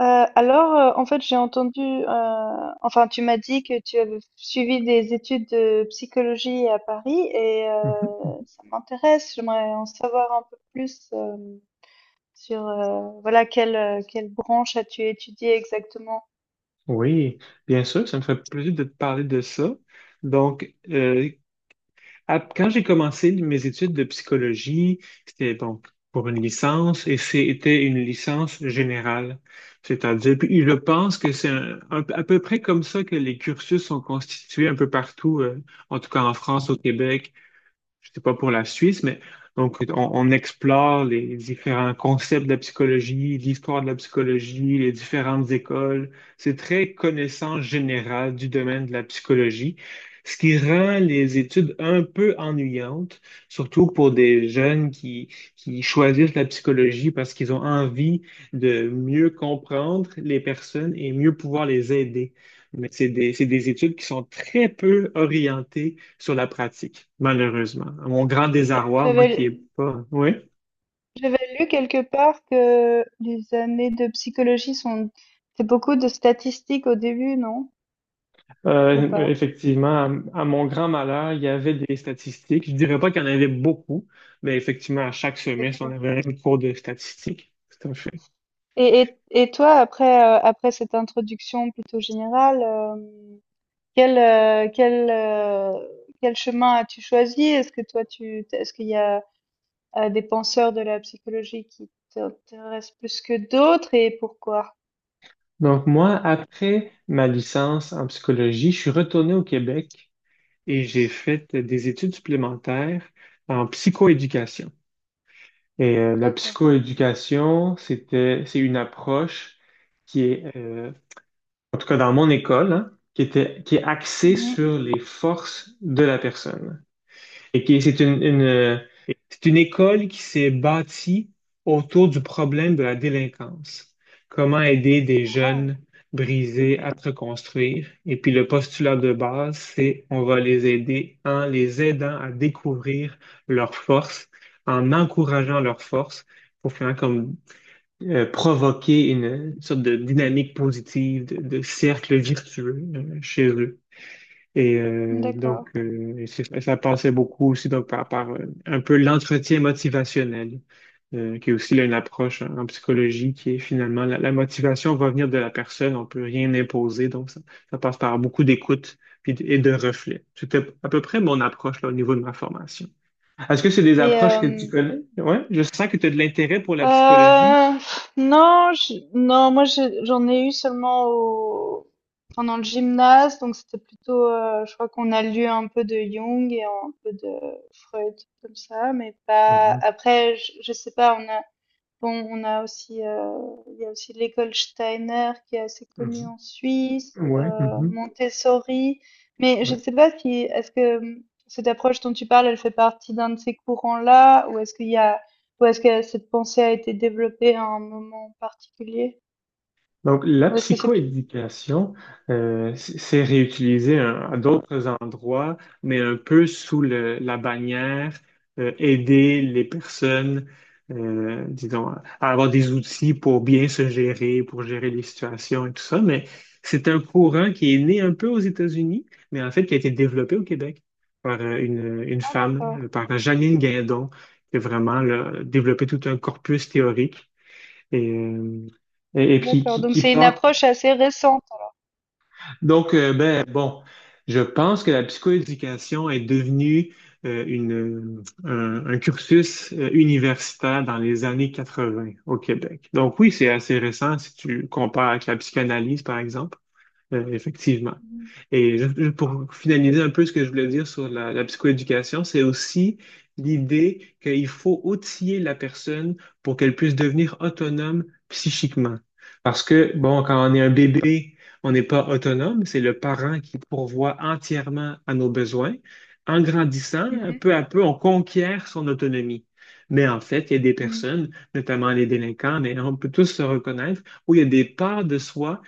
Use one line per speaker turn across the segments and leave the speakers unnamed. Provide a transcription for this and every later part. J'ai entendu, enfin, tu m'as dit que tu avais suivi des études de psychologie à Paris et
Mhm.
ça m'intéresse. J'aimerais en savoir un peu plus voilà, quelle branche as-tu étudié exactement?
Oui, bien sûr, ça me fait plaisir de te parler de ça. Donc, euh, Quand j'ai commencé mes études de psychologie, c'était donc pour une licence, et c'était une licence générale. C'est-à-dire, puis je pense que c'est à peu près comme ça que les cursus sont constitués un peu partout, en tout cas en France, au Québec. Je sais pas pour la Suisse, mais donc on explore les différents concepts de la psychologie, l'histoire de la psychologie, les différentes écoles. C'est très connaissance générale du domaine de la psychologie, ce qui rend les études un peu ennuyantes, surtout pour des jeunes qui choisissent la psychologie parce qu'ils ont envie de mieux comprendre les personnes et mieux pouvoir les aider. Mais c'est des études qui sont très peu orientées sur la pratique, malheureusement. À mon grand désarroi, moi qui est
J'avais,
pas. Oui.
j'avais lu quelque part que les années de psychologie sont, c'est beaucoup de statistiques au début, non? Ou
Euh,
pas?
effectivement, à, à mon grand malheur, il y avait des statistiques. Je dirais pas qu'il y en avait beaucoup, mais effectivement, à chaque semestre, on
D'accord.
avait un cours de statistiques. Tout à fait.
Et toi, après cette introduction plutôt générale, euh, quel chemin as-tu choisi? Est-ce que toi, tu, est-ce qu'il y a des penseurs de la psychologie qui t'intéressent plus que d'autres et pourquoi?
Donc moi, après ma licence en psychologie, je suis retourné au Québec et j'ai fait des études supplémentaires en psychoéducation. La
D'accord.
psychoéducation, c'est une approche qui est en tout cas dans mon école, hein, qui est axée
Mhm.
sur les forces de la personne. Et qui, c'est une école qui s'est bâtie autour du problème de la délinquance. Comment aider des jeunes
Ah,
brisés à se reconstruire. Et puis le postulat de base, c'est on va les aider en les aidant à découvrir leurs forces, en encourageant leurs forces pour finalement comme provoquer une sorte de dynamique positive, de cercle virtueux chez eux.
d'accord.
Ça passait beaucoup aussi donc, par un peu l'entretien motivationnel, qui est aussi là une approche en psychologie qui est finalement la motivation va venir de la personne, on peut rien imposer, ça passe par beaucoup d'écoute puis et de reflets. C'était à peu près mon approche là, au niveau de ma formation. Est-ce que c'est des
Et
approches que tu
euh,
connais? Ouais, je sens que tu as de l'intérêt pour la psychologie.
non, non, j'en ai eu seulement pendant le gymnase, donc c'était plutôt, je crois qu'on a lu un peu de Jung et un peu de Freud comme ça, mais pas.
Mhm,
Après, je sais pas, on a bon, on a aussi, il y a aussi l'école Steiner qui est assez connue
mhm.
en Suisse,
Ouais, mhm,
Montessori. Mais je
ouais.
ne sais pas si, est-ce que cette approche dont tu parles, elle fait partie d'un de ces courants-là, ou est-ce que cette pensée a été développée à un moment particulier,
Donc, la
ou est-ce que c'est plus...
psychoéducation, c'est réutilisé hein, à d'autres endroits, mais un peu sous la bannière aider les personnes, disons, à avoir des outils pour bien se gérer, pour gérer les situations et tout ça. Mais c'est un courant qui est né un peu aux États-Unis, mais en fait qui a été développé au Québec par une
Ah,
femme,
d'accord,
par Janine Guindon, qui a vraiment là développé tout un corpus théorique et, euh, et, et qui,
d'accord.
qui,
Donc
qui
c'est une
partent.
approche assez récente.
Donc, euh, ben, bon, je pense que la psychoéducation est devenue un cursus universitaire dans les années 80 au Québec. Donc, oui, c'est assez récent si tu compares avec la psychanalyse, par exemple, effectivement. Et pour finaliser un peu ce que je voulais dire sur la psychoéducation, c'est aussi l'idée qu'il faut outiller la personne pour qu'elle puisse devenir autonome psychiquement. Parce que, bon, quand on est un bébé, on n'est pas autonome, c'est le parent qui pourvoit entièrement à nos besoins. En grandissant,
Mhm,
peu à peu, on conquiert son autonomie. Mais en fait, il y a des
mhm.
personnes, notamment les délinquants, mais on peut tous se reconnaître, où il y a des parts de soi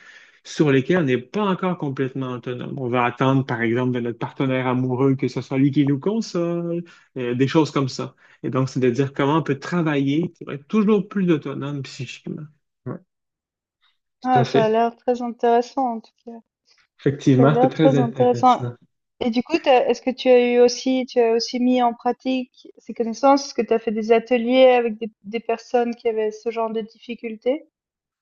sur lesquels on n'est pas encore complètement autonome. On va attendre, par exemple, de notre partenaire amoureux que ce soit lui qui nous console, des choses comme ça. Et donc, c'est de dire comment on peut travailler pour être toujours plus autonome psychiquement. Ouais, tout à
Ah, ça a
fait.
l'air très intéressant en tout cas. Ça a
Effectivement, c'était
l'air
très
très intéressant.
intéressant.
Et du coup, est-ce que tu as eu aussi, tu as aussi mis en pratique ces connaissances? Est-ce que tu as fait des ateliers avec des personnes qui avaient ce genre de difficultés?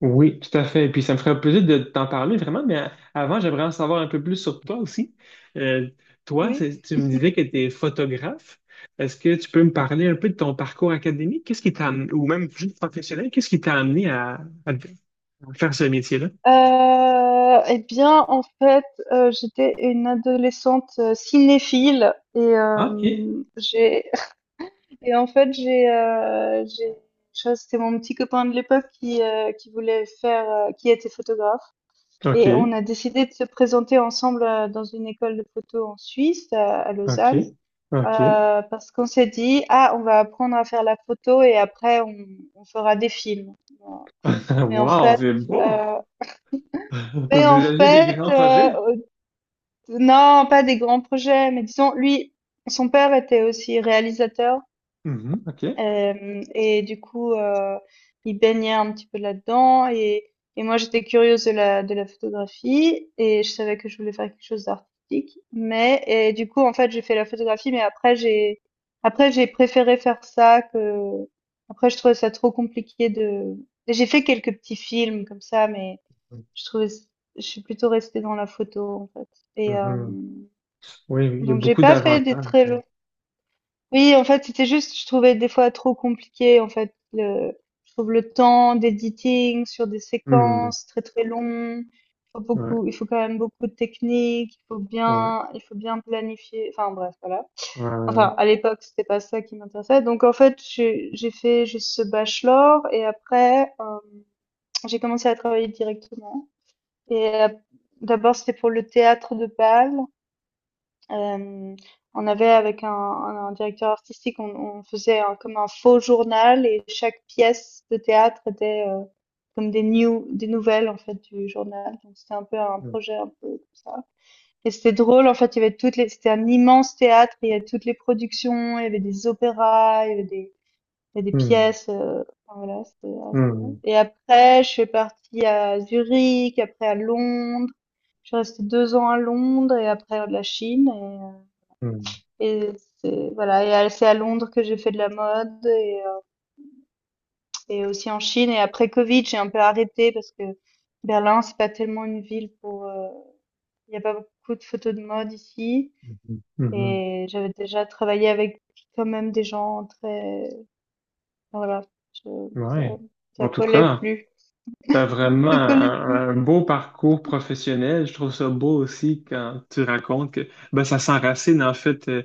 Oui, tout à fait. Et puis, ça me ferait plaisir de t'en parler vraiment, mais avant, j'aimerais en savoir un peu plus sur toi aussi. Euh, Toi,
Oui.
tu me disais que tu es photographe. Est-ce que tu peux me parler un peu de ton parcours académique? Qu'est-ce qui t'a amené, ou même juste professionnel, qu'est-ce qui t'a amené à, à faire ce métier-là?
Eh bien, en fait, j'étais une adolescente cinéphile et
OK.
j'ai et en fait j'ai ça, c'était mon petit copain de l'époque qui voulait faire, qui était photographe. Et on
OK,
a décidé de se présenter ensemble, dans une école de photo en Suisse, à Lausanne,
OK, OK.
parce qu'on s'est dit: «Ah, on va apprendre à faire la photo et après on fera des films». Voilà. Mais en
Wow,
fait,
c'est beau!
heu,
T'as
mais en
déjà eu des
fait,
grands projets?
non, pas des grands projets, mais disons lui, son père était aussi réalisateur.
Mhm, OK.
Hem Et du coup, il baignait un petit peu là-dedans et moi j'étais curieuse de la photographie et je savais que je voulais faire quelque chose d'artistique. Mais et du coup, en fait, j'ai fait la photographie, mais après j'ai préféré faire ça que après je trouvais ça trop compliqué de. J'ai fait quelques petits films comme ça, mais je trouvais je suis plutôt restée dans la photo, en fait, et
Mhm. Oui, oui, il y a
donc j'ai
beaucoup
pas fait des
d'avantages.
très. Oui, en fait, c'était juste, je trouvais des fois trop compliqué, en fait, je trouve le temps d'editing sur des
Hmm,
séquences très très longues. Il faut
ouais,
beaucoup, il faut quand même beaucoup de technique,
ouais.
il faut bien planifier. Enfin bref, voilà.
Ouais,
Enfin,
ouais,
à l'époque, c'était pas ça qui m'intéressait. Donc en fait, j'ai fait juste ce bachelor et après, j'ai commencé à travailler directement. Et d'abord, c'était pour le théâtre de Bâle. Hem, on avait avec un directeur artistique, on faisait un comme un faux journal et chaque pièce de théâtre était, comme des news, des nouvelles en fait du journal. Donc c'était un peu un
ouais.
projet un peu comme ça, et c'était drôle en fait, il y avait toutes les c'était un immense théâtre, il y avait toutes les productions, il y avait des opéras, il y avait des
Hmm,
pièces, enfin voilà, c'était assez bien,
hmm,
et après je suis partie à Zurich, après à Londres. Je suis restée 2 ans à Londres et après la Chine,
hmm,
et c'est voilà, et à c'est à Londres que j'ai fait de la mode et aussi en Chine, et après Covid, j'ai un peu arrêté parce que Berlin, c'est pas tellement une ville pour, il y a pas beaucoup de photos de mode ici,
hmm, hmm, hmm.
et j'avais déjà travaillé avec quand même des gens très, enfin, voilà, je, ça
Ouais. En
ça
tout
collait
cas.
plus,
T'as vraiment
ça collait.
un beau parcours professionnel. Je trouve ça beau aussi quand tu racontes que ben, ça s'enracine en fait, euh,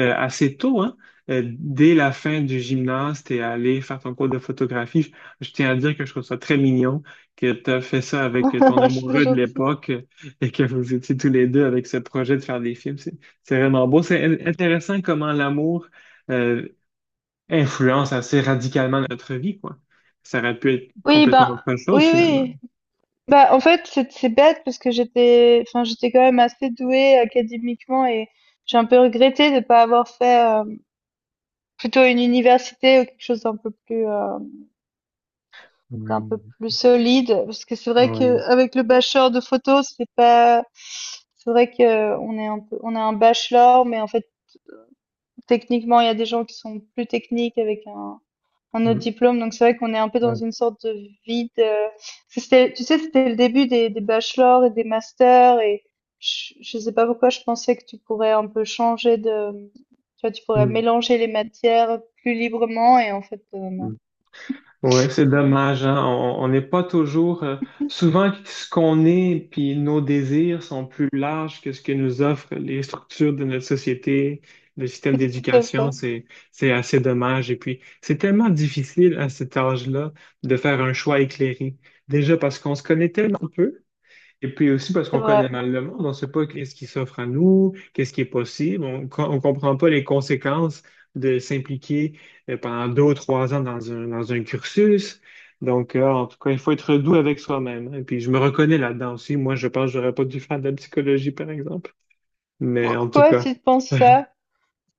euh, assez tôt, hein. Dès la fin du gymnase, t'es allé faire ton cours de photographie. Je tiens à dire que je trouve ça très mignon que t'as fait ça avec ton
C'est
amoureux de
gentil.
l'époque, et que vous étiez tous les deux avec ce projet de faire des films. C'est vraiment beau. C'est intéressant comment l'amour euh, influence assez radicalement notre vie, quoi. Ça aurait pu être
Oui,
complètement
ben
autre chose
oui,
finalement.
oui. Bah, en fait, c'est bête parce que j'étais enfin, j'étais quand même assez douée académiquement et j'ai un peu regretté de ne pas avoir fait, plutôt une université ou quelque chose d'un peu
Oui,
plus solide. Parce que c'est vrai que
oui,
avec le bachelor de photo, c'est pas c'est vrai que on est un peu, on a un bachelor mais en fait, techniquement, il y a des gens qui sont plus techniques avec un autre
mm,
diplôme. Donc c'est vrai qu'on est un peu dans
oui,
une sorte de vide. C'était, tu sais, c'était le début des bachelors et des masters et je sais pas pourquoi je pensais que tu pourrais un peu changer de, tu vois, tu pourrais
mm,
mélanger les matières plus librement et en fait, non.
mm. Ouais, c'est dommage, hein. On n'est pas toujours... souvent, ce qu'on est, puis nos désirs sont plus larges que ce que nous offrent les structures de notre société, le système
C'est tout à
d'éducation.
fait,
C'est assez dommage. Et puis, c'est tellement difficile à cet âge-là de faire un choix éclairé. Déjà parce qu'on se connaît tellement peu. Et puis aussi parce
c'est
qu'on connaît
vrai.
mal le monde, on ne sait pas qu'est-ce qui s'offre à nous, qu'est-ce qui est possible, on ne comprend pas les conséquences de s'impliquer pendant 2 ou 3 ans dans un cursus. Donc, en tout cas, il faut être doux avec soi-même. Et puis, je me reconnais là-dedans aussi. Moi, je pense que j'aurais pas dû faire de la psychologie, par exemple. Mais en tout
Pourquoi
cas.
tu penses ça?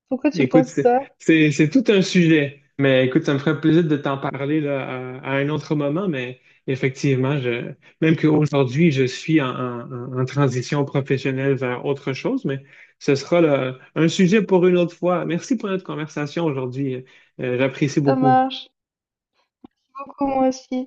Pourquoi tu
Écoute,
penses ça?
c'est tout un sujet, mais écoute, ça me ferait plaisir de t'en parler là, à un autre moment, mais effectivement, même qu'aujourd'hui, je suis en, en transition professionnelle vers autre chose, mais ce sera là un sujet pour une autre fois. Merci pour notre conversation aujourd'hui. J'apprécie
Ça
beaucoup.
marche. Beaucoup moi aussi.